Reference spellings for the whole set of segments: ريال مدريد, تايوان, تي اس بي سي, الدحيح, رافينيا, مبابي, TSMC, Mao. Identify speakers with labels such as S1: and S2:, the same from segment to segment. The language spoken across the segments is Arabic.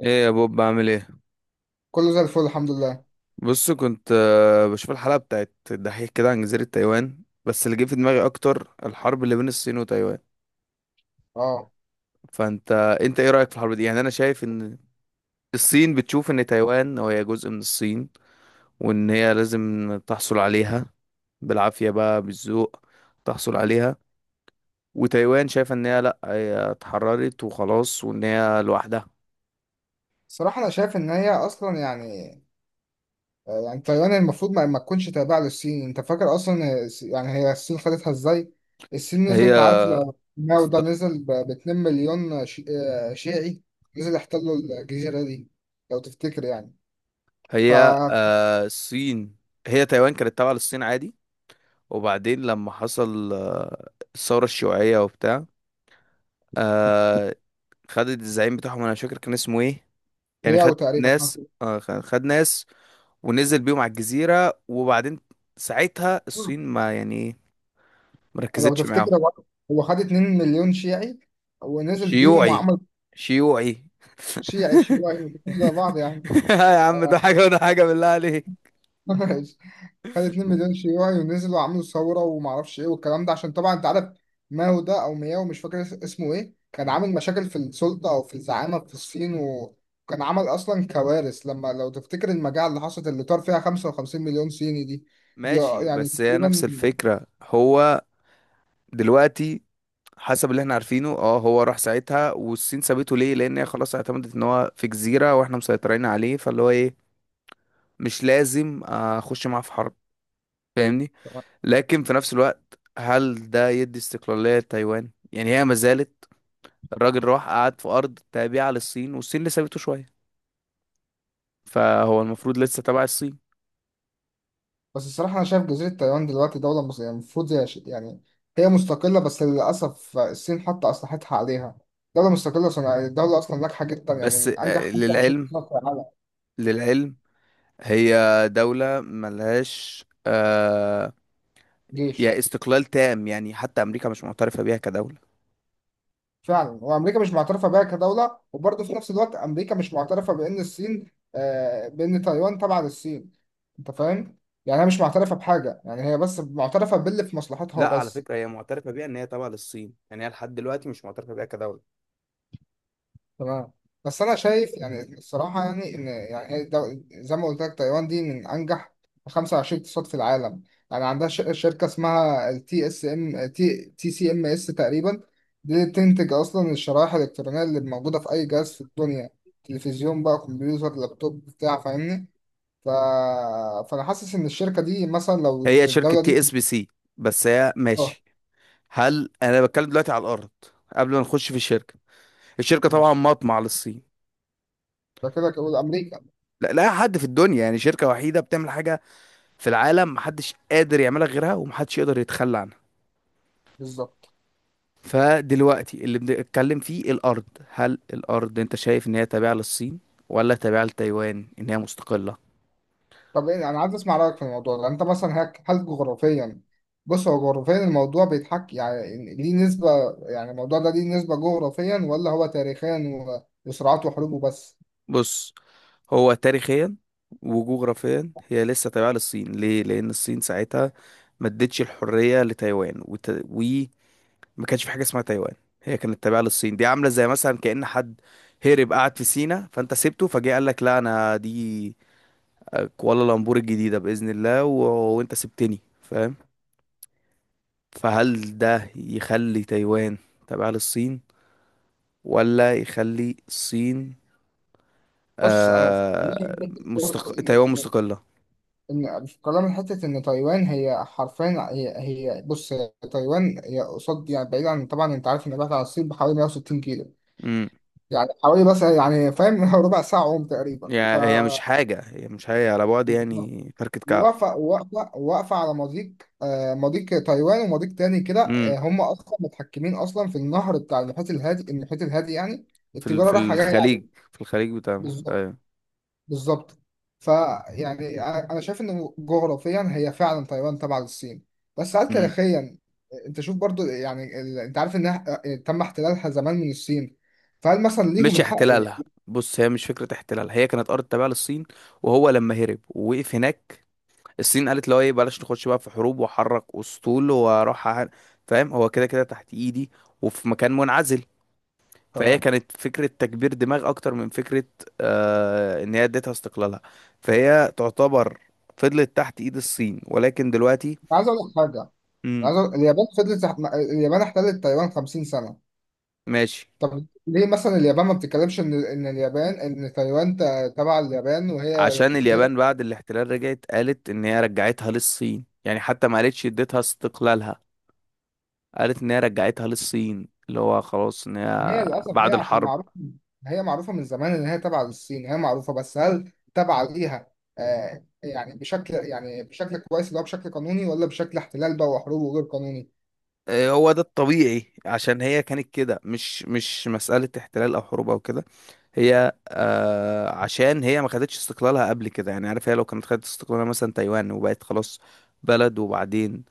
S1: ايه يا بوب، بعمل ايه؟
S2: كله زي الفل، الحمد لله.
S1: بص، كنت بشوف الحلقه بتاعت الدحيح كده عن جزيره تايوان، بس اللي جه في دماغي اكتر الحرب اللي بين الصين وتايوان.
S2: اه.
S1: فانت انت ايه رايك في الحرب دي؟ يعني انا شايف ان الصين بتشوف ان تايوان هي جزء من الصين، وان هي لازم تحصل عليها بالعافيه، بقى بالذوق تحصل عليها. وتايوان شايفه ان هي لا، هي اتحررت وخلاص، وان هي لوحدها.
S2: صراحة انا شايف ان هي اصلا يعني يعني تايوان المفروض ما تكونش تابعة للصين. انت فاكر اصلا يعني هي الصين خدتها ازاي؟ الصين
S1: هي
S2: نزلت، عارف، لو ماو ده
S1: است-
S2: نزل ب 2 مليون شيعي، نزل، احتلوا الجزيرة دي لو تفتكر يعني.
S1: هي
S2: فهي
S1: آه، الصين، هي تايوان كانت تابعه للصين عادي. وبعدين لما حصل الثورة الشيوعية وبتاع، آه، خدت الزعيم بتاعهم، انا مش فاكر كان اسمه ايه. يعني خد
S2: وتقريبا
S1: ناس، خد ناس ونزل بيهم على الجزيرة. وبعدين ساعتها الصين ما يعني إيه،
S2: لو
S1: مركزتش معاهم.
S2: تفتكر هو خد 2 مليون شيعي ونزل بيهم
S1: شيوعي،
S2: وعمل
S1: شيوعي
S2: شيعي شيوعي وكل ده بعض يعني.
S1: يا عم، ده حاجة وده حاجة، بالله عليك.
S2: خد 2 مليون شيوعي ونزلوا وعملوا ثوره وما اعرفش ايه والكلام ده، عشان طبعا انت عارف ماو ده او مياو، مش فاكر اسمه ايه، كان
S1: مم.
S2: عامل مشاكل في السلطه او في الزعامه في الصين، وكان عمل اصلا كوارث. لما لو تفتكر المجاعه اللي حصلت اللي طار فيها 55 مليون صيني دي. دي
S1: ماشي،
S2: يعني
S1: بس هي نفس
S2: تقريبا.
S1: الفكرة. هو دلوقتي حسب اللي احنا عارفينه، اه، هو راح ساعتها والصين سابته ليه؟ لان هي خلاص اعتمدت ان هو في جزيرة واحنا مسيطرين عليه، فاللي هو ايه، مش لازم اخش معاه في حرب، فاهمني. لكن في نفس الوقت، هل ده يدي استقلالية لتايوان؟ يعني هي ما زالت، الراجل راح قعد في ارض تابعة للصين، والصين اللي سابته شوية، فهو المفروض لسه تبع الصين.
S2: بس الصراحة أنا شايف جزيرة تايوان دلوقتي دولة يعني المفروض هي يعني هي مستقلة، بس للأسف الصين حاطة أسلحتها عليها. دولة مستقلة صناعية، الدولة أصلا ناجحة جدا، يعني
S1: بس
S2: من أنجح 25
S1: للعلم،
S2: سنة في العالم.
S1: للعلم، هي دولة ملهاش يعني
S2: جيش.
S1: استقلال تام، يعني حتى امريكا مش معترفة بيها كدولة.
S2: فعلا، وامريكا مش معترفه بها كدوله، وبرضه في نفس الوقت امريكا مش معترفه بان الصين آه، بان تايوان تبع للصين. انت فاهم؟ يعني هي مش معترفه بحاجه، يعني هي بس معترفه باللي في مصلحتها
S1: لا، على
S2: وبس.
S1: فكرة، هي معترفة بيها ان هي تابعة للصين، يعني هي لحد دلوقتي مش معترفة بيها كدولة.
S2: تمام. بس انا شايف يعني الصراحه يعني ان يعني هي زي ما قلت لك، تايوان دي من انجح 25 اقتصاد في العالم. يعني عندها شركه اسمها التي اس ام تي تي سي ام اس تقريبا. دي اللي بتنتج اصلا الشرائح الالكترونيه اللي موجوده في اي جهاز في الدنيا، تلفزيون بقى، كمبيوتر، لابتوب، بتاع، فاهمني؟ ف... فانا حاسس ان الشركه دي مثلا لو
S1: هي شركة
S2: الدوله
S1: تي
S2: دي.
S1: اس بي سي بس هي
S2: اه.
S1: ماشي، هل انا بتكلم دلوقتي على الارض؟ قبل ما نخش في الشركة، الشركة طبعا
S2: ماشي.
S1: مطمع للصين.
S2: ده كده كده امريكا.
S1: لا، لا حد في الدنيا، يعني شركة وحيدة بتعمل حاجة في العالم، محدش قادر يعملها غيرها ومحدش يقدر يتخلى عنها.
S2: بالظبط.
S1: فدلوقتي اللي بنتكلم فيه الارض، هل الارض انت شايف ان هي تابعة للصين، ولا تابعة لتايوان ان هي مستقلة؟
S2: طب انا عايز اسمع رايك في الموضوع ده. انت مثلا هل جغرافيا، بص، هو جغرافيا الموضوع بيتحكي يعني ليه نسبه؟ يعني الموضوع ده ليه نسبه جغرافيا، ولا هو تاريخيا وصراعات وحروب وبس؟
S1: بص، هو تاريخيا وجغرافيا هي لسه تابعة للصين. ليه؟ لأن الصين ساعتها ما ادتش الحرية لتايوان، وما كانش في حاجة اسمها تايوان. هي كانت تابعة للصين. دي عاملة زي مثلا كأن حد هرب قعد في سينا، فأنت سبته، فجه قال لك لا، أنا دي كوالالمبور الجديدة بإذن الله، وأنت سبتني، فاهم؟ فهل ده يخلي تايوان تابعة للصين، ولا يخلي الصين،
S2: بص انا في
S1: آه
S2: برضه ان
S1: تايوان
S2: ان
S1: مستقلة؟
S2: إن في كلام حته ان تايوان هي حرفيا هي بص، هي تايوان هي قصاد، يعني بعيد عن، طبعا انت عارف ان بعيد عن الصين بحوالي 160 كيلو، يعني حوالي بس يعني فاهم. ربع ساعه عوم تقريبا.
S1: يعني هي مش حاجة، هي مش حاجة على بعد، يعني فركة كعب.
S2: واقفة واقفة واقفة على مضيق، مضيق تايوان ومضيق تاني كده.
S1: امم.
S2: هم أصلا متحكمين أصلا في النهر بتاع المحيط الهادي. المحيط الهادي يعني التجارة
S1: في
S2: رايحة جاية عليه.
S1: الخليج، في الخليج بتاع،
S2: بالظبط.
S1: ايوه.
S2: بالظبط. فيعني أنا شايف إن جغرافيا هي فعلا تايوان تبع للصين. بس هل
S1: امم.
S2: تاريخيا؟ أنت شوف برضو يعني أنت عارف إنها تم احتلالها زمان من الصين، فهل مثلا ليهم
S1: مش
S2: الحق؟
S1: احتلالها، بص، هي مش فكرة احتلالها، هي كانت أرض تابعة للصين. وهو لما هرب ووقف هناك، الصين قالت له ايه، بلاش نخش بقى في حروب وحرك أسطول وأروح فاهم، هو كده كده تحت إيدي وفي مكان منعزل.
S2: تمام.
S1: فهي
S2: أنا
S1: كانت فكرة تكبير دماغ أكتر من فكرة إن هي اديتها استقلالها. فهي تعتبر فضلت تحت إيد الصين، ولكن دلوقتي
S2: عايز أقول لك حاجة.
S1: امم.
S2: اليابان فضلت، اليابان احتلت تايوان 50 سنة.
S1: ماشي،
S2: طب ليه مثلا اليابان ما بتتكلمش ان ان اليابان، ان تايوان تبع اليابان وهي
S1: عشان اليابان
S2: جزيره؟
S1: بعد الاحتلال رجعت قالت ان هي رجعتها للصين، يعني حتى ما قالتش اديتها استقلالها، قالت ان هي رجعتها للصين، اللي هو خلاص ان
S2: ما
S1: هي
S2: هي للاسف هي
S1: بعد
S2: عشان
S1: الحرب.
S2: معروفه، هي معروفه من زمان ان هي تبع للصين. هي معروفه، بس هل تبع ليها آه يعني بشكل يعني بشكل كويس، اللي هو بشكل قانوني، ولا بشكل احتلال بقى وحروب وغير قانوني؟
S1: إيه هو ده الطبيعي، عشان هي كانت كده، مش مسألة احتلال او حروب او كده. هي عشان هي ما خدتش استقلالها قبل كده، يعني عارف، هي لو كانت خدت استقلالها مثلا تايوان، وبقت خلاص بلد، وبعدين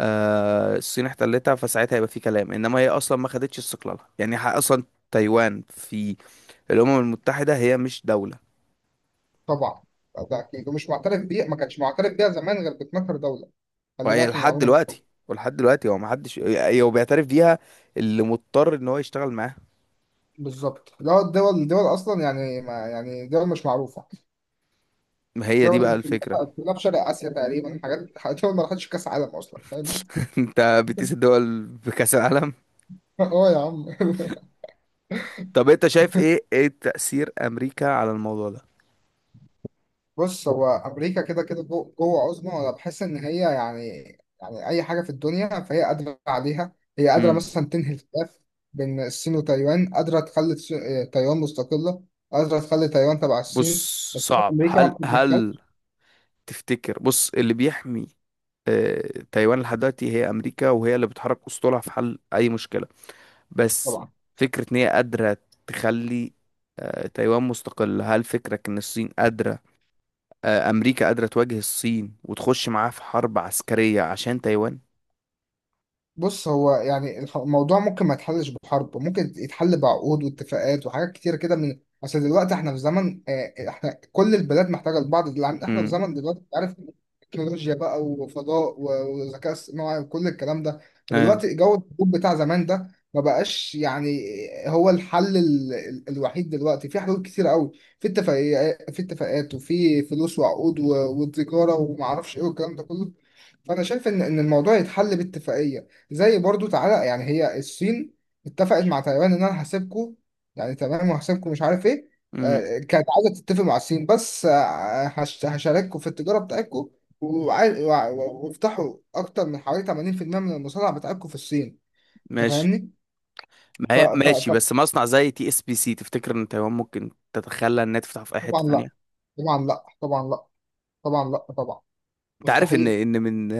S1: الصين احتلتها، فساعتها هيبقى في كلام. انما هي اصلا ما خدتش استقلالها، يعني اصلا تايوان في الامم المتحده هي مش دوله.
S2: طبعا. ده اكيد، ومش معترف بيها، ما كانش معترف بيها زمان غير ب 12 دوله. خلي
S1: وهي
S2: بالك من
S1: لحد
S2: المعلومه دي.
S1: دلوقتي، ولحد دلوقتي هو ما حدش هو بيعترف بيها، اللي مضطر ان هو يشتغل معاها.
S2: بالظبط. لا، الدول اصلا يعني ما يعني، دول مش معروفه،
S1: ما هي دي بقى
S2: دول كلها
S1: الفكره.
S2: كلها في شرق اسيا تقريبا، حاجات دول ما راحتش كاس عالم اصلا، فاهم؟
S1: انت بتقيس الدول بكاس العالم؟
S2: اه يا عم.
S1: طب انت شايف ايه، ايه تاثير امريكا على الموضوع ده؟
S2: بص، هو امريكا كده كده جوه عظمى، وانا بحس ان هي يعني، يعني اي حاجه في الدنيا فهي قادره عليها. هي قادره
S1: امم.
S2: مثلا تنهي الخلاف بين الصين وتايوان، قادره تخلي تايوان مستقله، قادره تخلي تايوان تبع الصين،
S1: بص،
S2: بس هي
S1: صعب.
S2: امريكا ما
S1: هل
S2: بتتدخلش.
S1: تفتكر، بص، اللي بيحمي آه، تايوان لحد دلوقتي هي امريكا، وهي اللي بتحرك اسطولها في حل اي مشكله. بس
S2: طبعا.
S1: فكره ان هي قادره تخلي تايوان مستقله، هل فكرك ان الصين قادره، امريكا قادره تواجه الصين وتخش معاها في حرب عسكريه عشان تايوان؟
S2: بص، هو يعني الموضوع ممكن ما يتحلش بحرب، ممكن يتحل بعقود واتفاقات وحاجات كتير كده. من اصل دلوقتي احنا في زمن، احنا كل البلاد محتاجه لبعض، دلوقتي احنا في
S1: امم.
S2: زمن دلوقتي، أنت عارف، تكنولوجيا بقى، وفضاء وذكاء اصطناعي، وكل الكلام ده.
S1: ايوه.
S2: فدلوقتي جو الحروب بتاع زمان ده ما بقاش يعني هو الحل. الوحيد دلوقتي في حلول كتير قوي، في اتفاقيات، في اتفاقات، وفي فلوس وعقود وتجاره وما اعرفش ايه والكلام ده كله. فانا شايف ان الموضوع يتحل باتفاقيه. زي برضو، تعالى يعني هي الصين اتفقت مع تايوان ان انا هسيبكم، يعني تمام، وهسيبكم مش عارف ايه.
S1: امم.
S2: كانت عايزه تتفق مع الصين، بس هشارككم في التجاره بتاعتكم، وافتحوا اكتر من حوالي 80% من المصانع بتاعتكم في الصين. انت
S1: ماشي.
S2: فاهمني؟
S1: ما
S2: ف
S1: هي
S2: ف
S1: ماشي،
S2: ف
S1: بس مصنع زي TSBC، تفتكر ان تايوان ممكن تتخلى انها تفتح في اي حته
S2: طبعا لا،
S1: تانية؟
S2: طبعا لا، طبعا لا، طبعا لا، طبعا
S1: انت عارف ان
S2: مستحيل.
S1: من،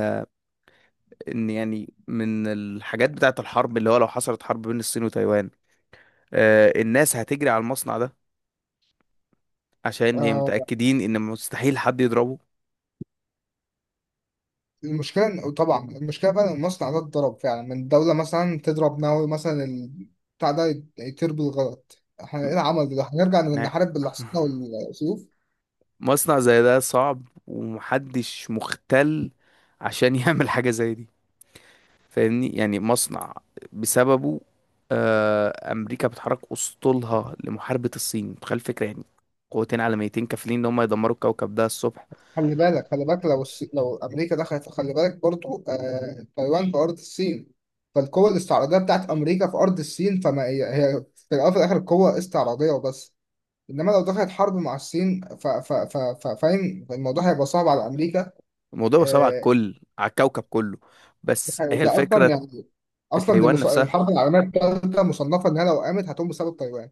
S1: ان يعني من الحاجات بتاعت الحرب، اللي هو لو حصلت حرب بين الصين وتايوان، الناس هتجري على المصنع ده، عشان هي
S2: آه،
S1: متأكدين ان مستحيل حد يضربه.
S2: المشكلة طبعا المشكلة بقى إن المصنع ده اتضرب فعلا من دولة، مثلا تضرب ناوي مثلا بتاع ده يطير بالغلط. احنا
S1: م-
S2: ايه العمل ده؟ هنرجع
S1: نا-
S2: نحارب باللي حصلنا والسيوف؟
S1: مصنع زي ده صعب، ومحدش مختل عشان يعمل حاجة زي دي، فاهمني، يعني مصنع بسببه امريكا بتحرك اسطولها لمحاربة الصين، متخيل الفكرة، يعني قوتين عالميتين كافلين ان هم يدمروا الكوكب ده الصبح.
S2: خلي بالك، خلي بالك لو لو أمريكا دخلت، خلي بالك برضو تايوان في أرض الصين، فالقوة الاستعراضية بتاعت أمريكا في أرض الصين. فما هي في الأول وفي الآخر قوة استعراضية وبس. إنما لو دخلت حرب مع الصين فاهم، الموضوع هيبقى صعب على أمريكا.
S1: الموضوع بقى صعب على
S2: آه،
S1: الكل، على الكوكب كله. بس هي
S2: ده اصلا
S1: الفكرة،
S2: يعني، اصلا دي
S1: تايوان نفسها.
S2: الحرب العالميه الثالثه مصنفه انها لو قامت هتقوم بسبب تايوان.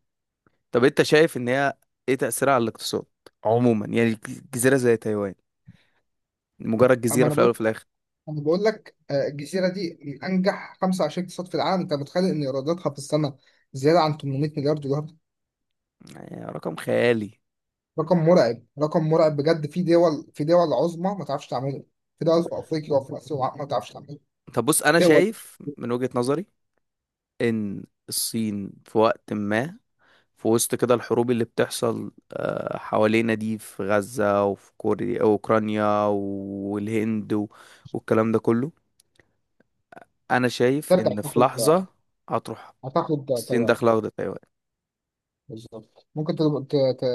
S1: طب انت شايف ان هي ايه تأثيرها على الاقتصاد عموما، يعني جزيرة زي تايوان، مجرد
S2: اما
S1: جزيرة
S2: انا
S1: في الاول
S2: بقول،
S1: وفي الاخر؟
S2: لك، الجزيره دي من انجح 25 اقتصاد في العالم. انت متخيل ان ايراداتها في السنه زياده عن 800 مليار دولار؟
S1: يعني رقم خيالي.
S2: رقم مرعب، رقم مرعب بجد. في دول عظمى ما تعرفش تعمله، في دول في افريقيا وفي اسيا ما تعرفش تعمله،
S1: طب بص، انا
S2: دول
S1: شايف من وجهة نظري ان الصين في وقت ما، في وسط كده الحروب اللي بتحصل حوالينا دي، في غزة وفي كوريا اوكرانيا والهند والكلام ده كله، انا شايف
S2: ترجع
S1: ان في
S2: تاخد،
S1: لحظة هتروح
S2: هتاخد
S1: الصين
S2: تايوان.
S1: داخلة واخدة تايوان.
S2: بالظبط، ممكن ت... ت...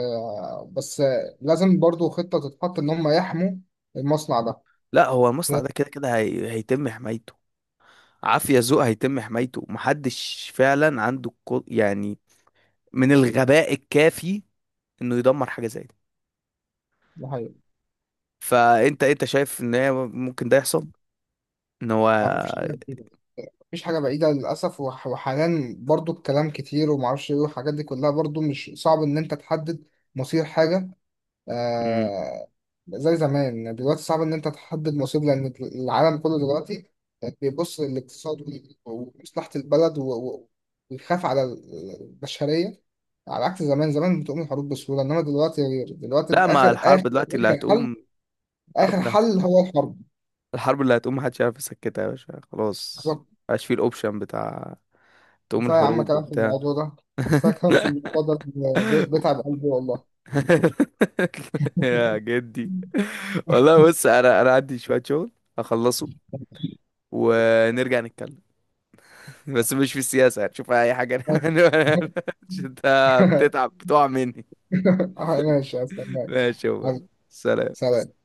S2: بس لازم برضو خطه تتحط ان هم يحموا المصنع ده.
S1: لا، هو المصنع ده كده كده هيتم حمايته، عافية ذوق هيتم حمايته، محدش فعلا عنده يعني من الغباء الكافي انه يدمر حاجة زي دي.
S2: ده حقيقي.
S1: فانت، انت شايف ان هي ممكن ده يحصل، ان هو،
S2: يعني مفيش حاجة بعيدة، مفيش حاجة بعيدة للأسف، وحاليا برضو الكلام كتير ومعرفش إيه، والحاجات دي كلها برضو مش صعب إن أنت تحدد مصير حاجة.
S1: مم.
S2: آه. زي زمان دلوقتي صعب إن أنت تحدد مصير، لأن العالم كله دلوقتي بيبص للاقتصاد ومصلحة البلد ويخاف على البشرية، على عكس زمان. زمان بتقوم الحروب بسهولة، إنما دلوقتي،
S1: لا، ما
S2: آخر
S1: الحرب
S2: آخر
S1: دلوقتي اللي
S2: آخر حل،
S1: هتقوم، الحرب
S2: آخر
S1: اللي
S2: حل
S1: هتقوم،
S2: هو
S1: الحرب اللي هتقوم محدش عارف يسكتها يا باشا، خلاص.
S2: الحرب.
S1: مبقاش فيه الاوبشن بتاع تقوم
S2: كفاية يا عم
S1: الحروب
S2: كلام في
S1: وبتاع.
S2: الموضوع ده، كفاية كلام في الموضوع ده، بيتعب قلبي والله.
S1: يا جدي، والله، بص، انا عندي شوية شغل هخلصه، ونرجع نتكلم، بس مش في السياسة، هتشوفها أي حاجة.
S2: ماشي.
S1: أنت بتتعب، بتقع مني.
S2: ماشي، استناك
S1: ماشي يا،
S2: حبيبي،
S1: سلام.
S2: سلام.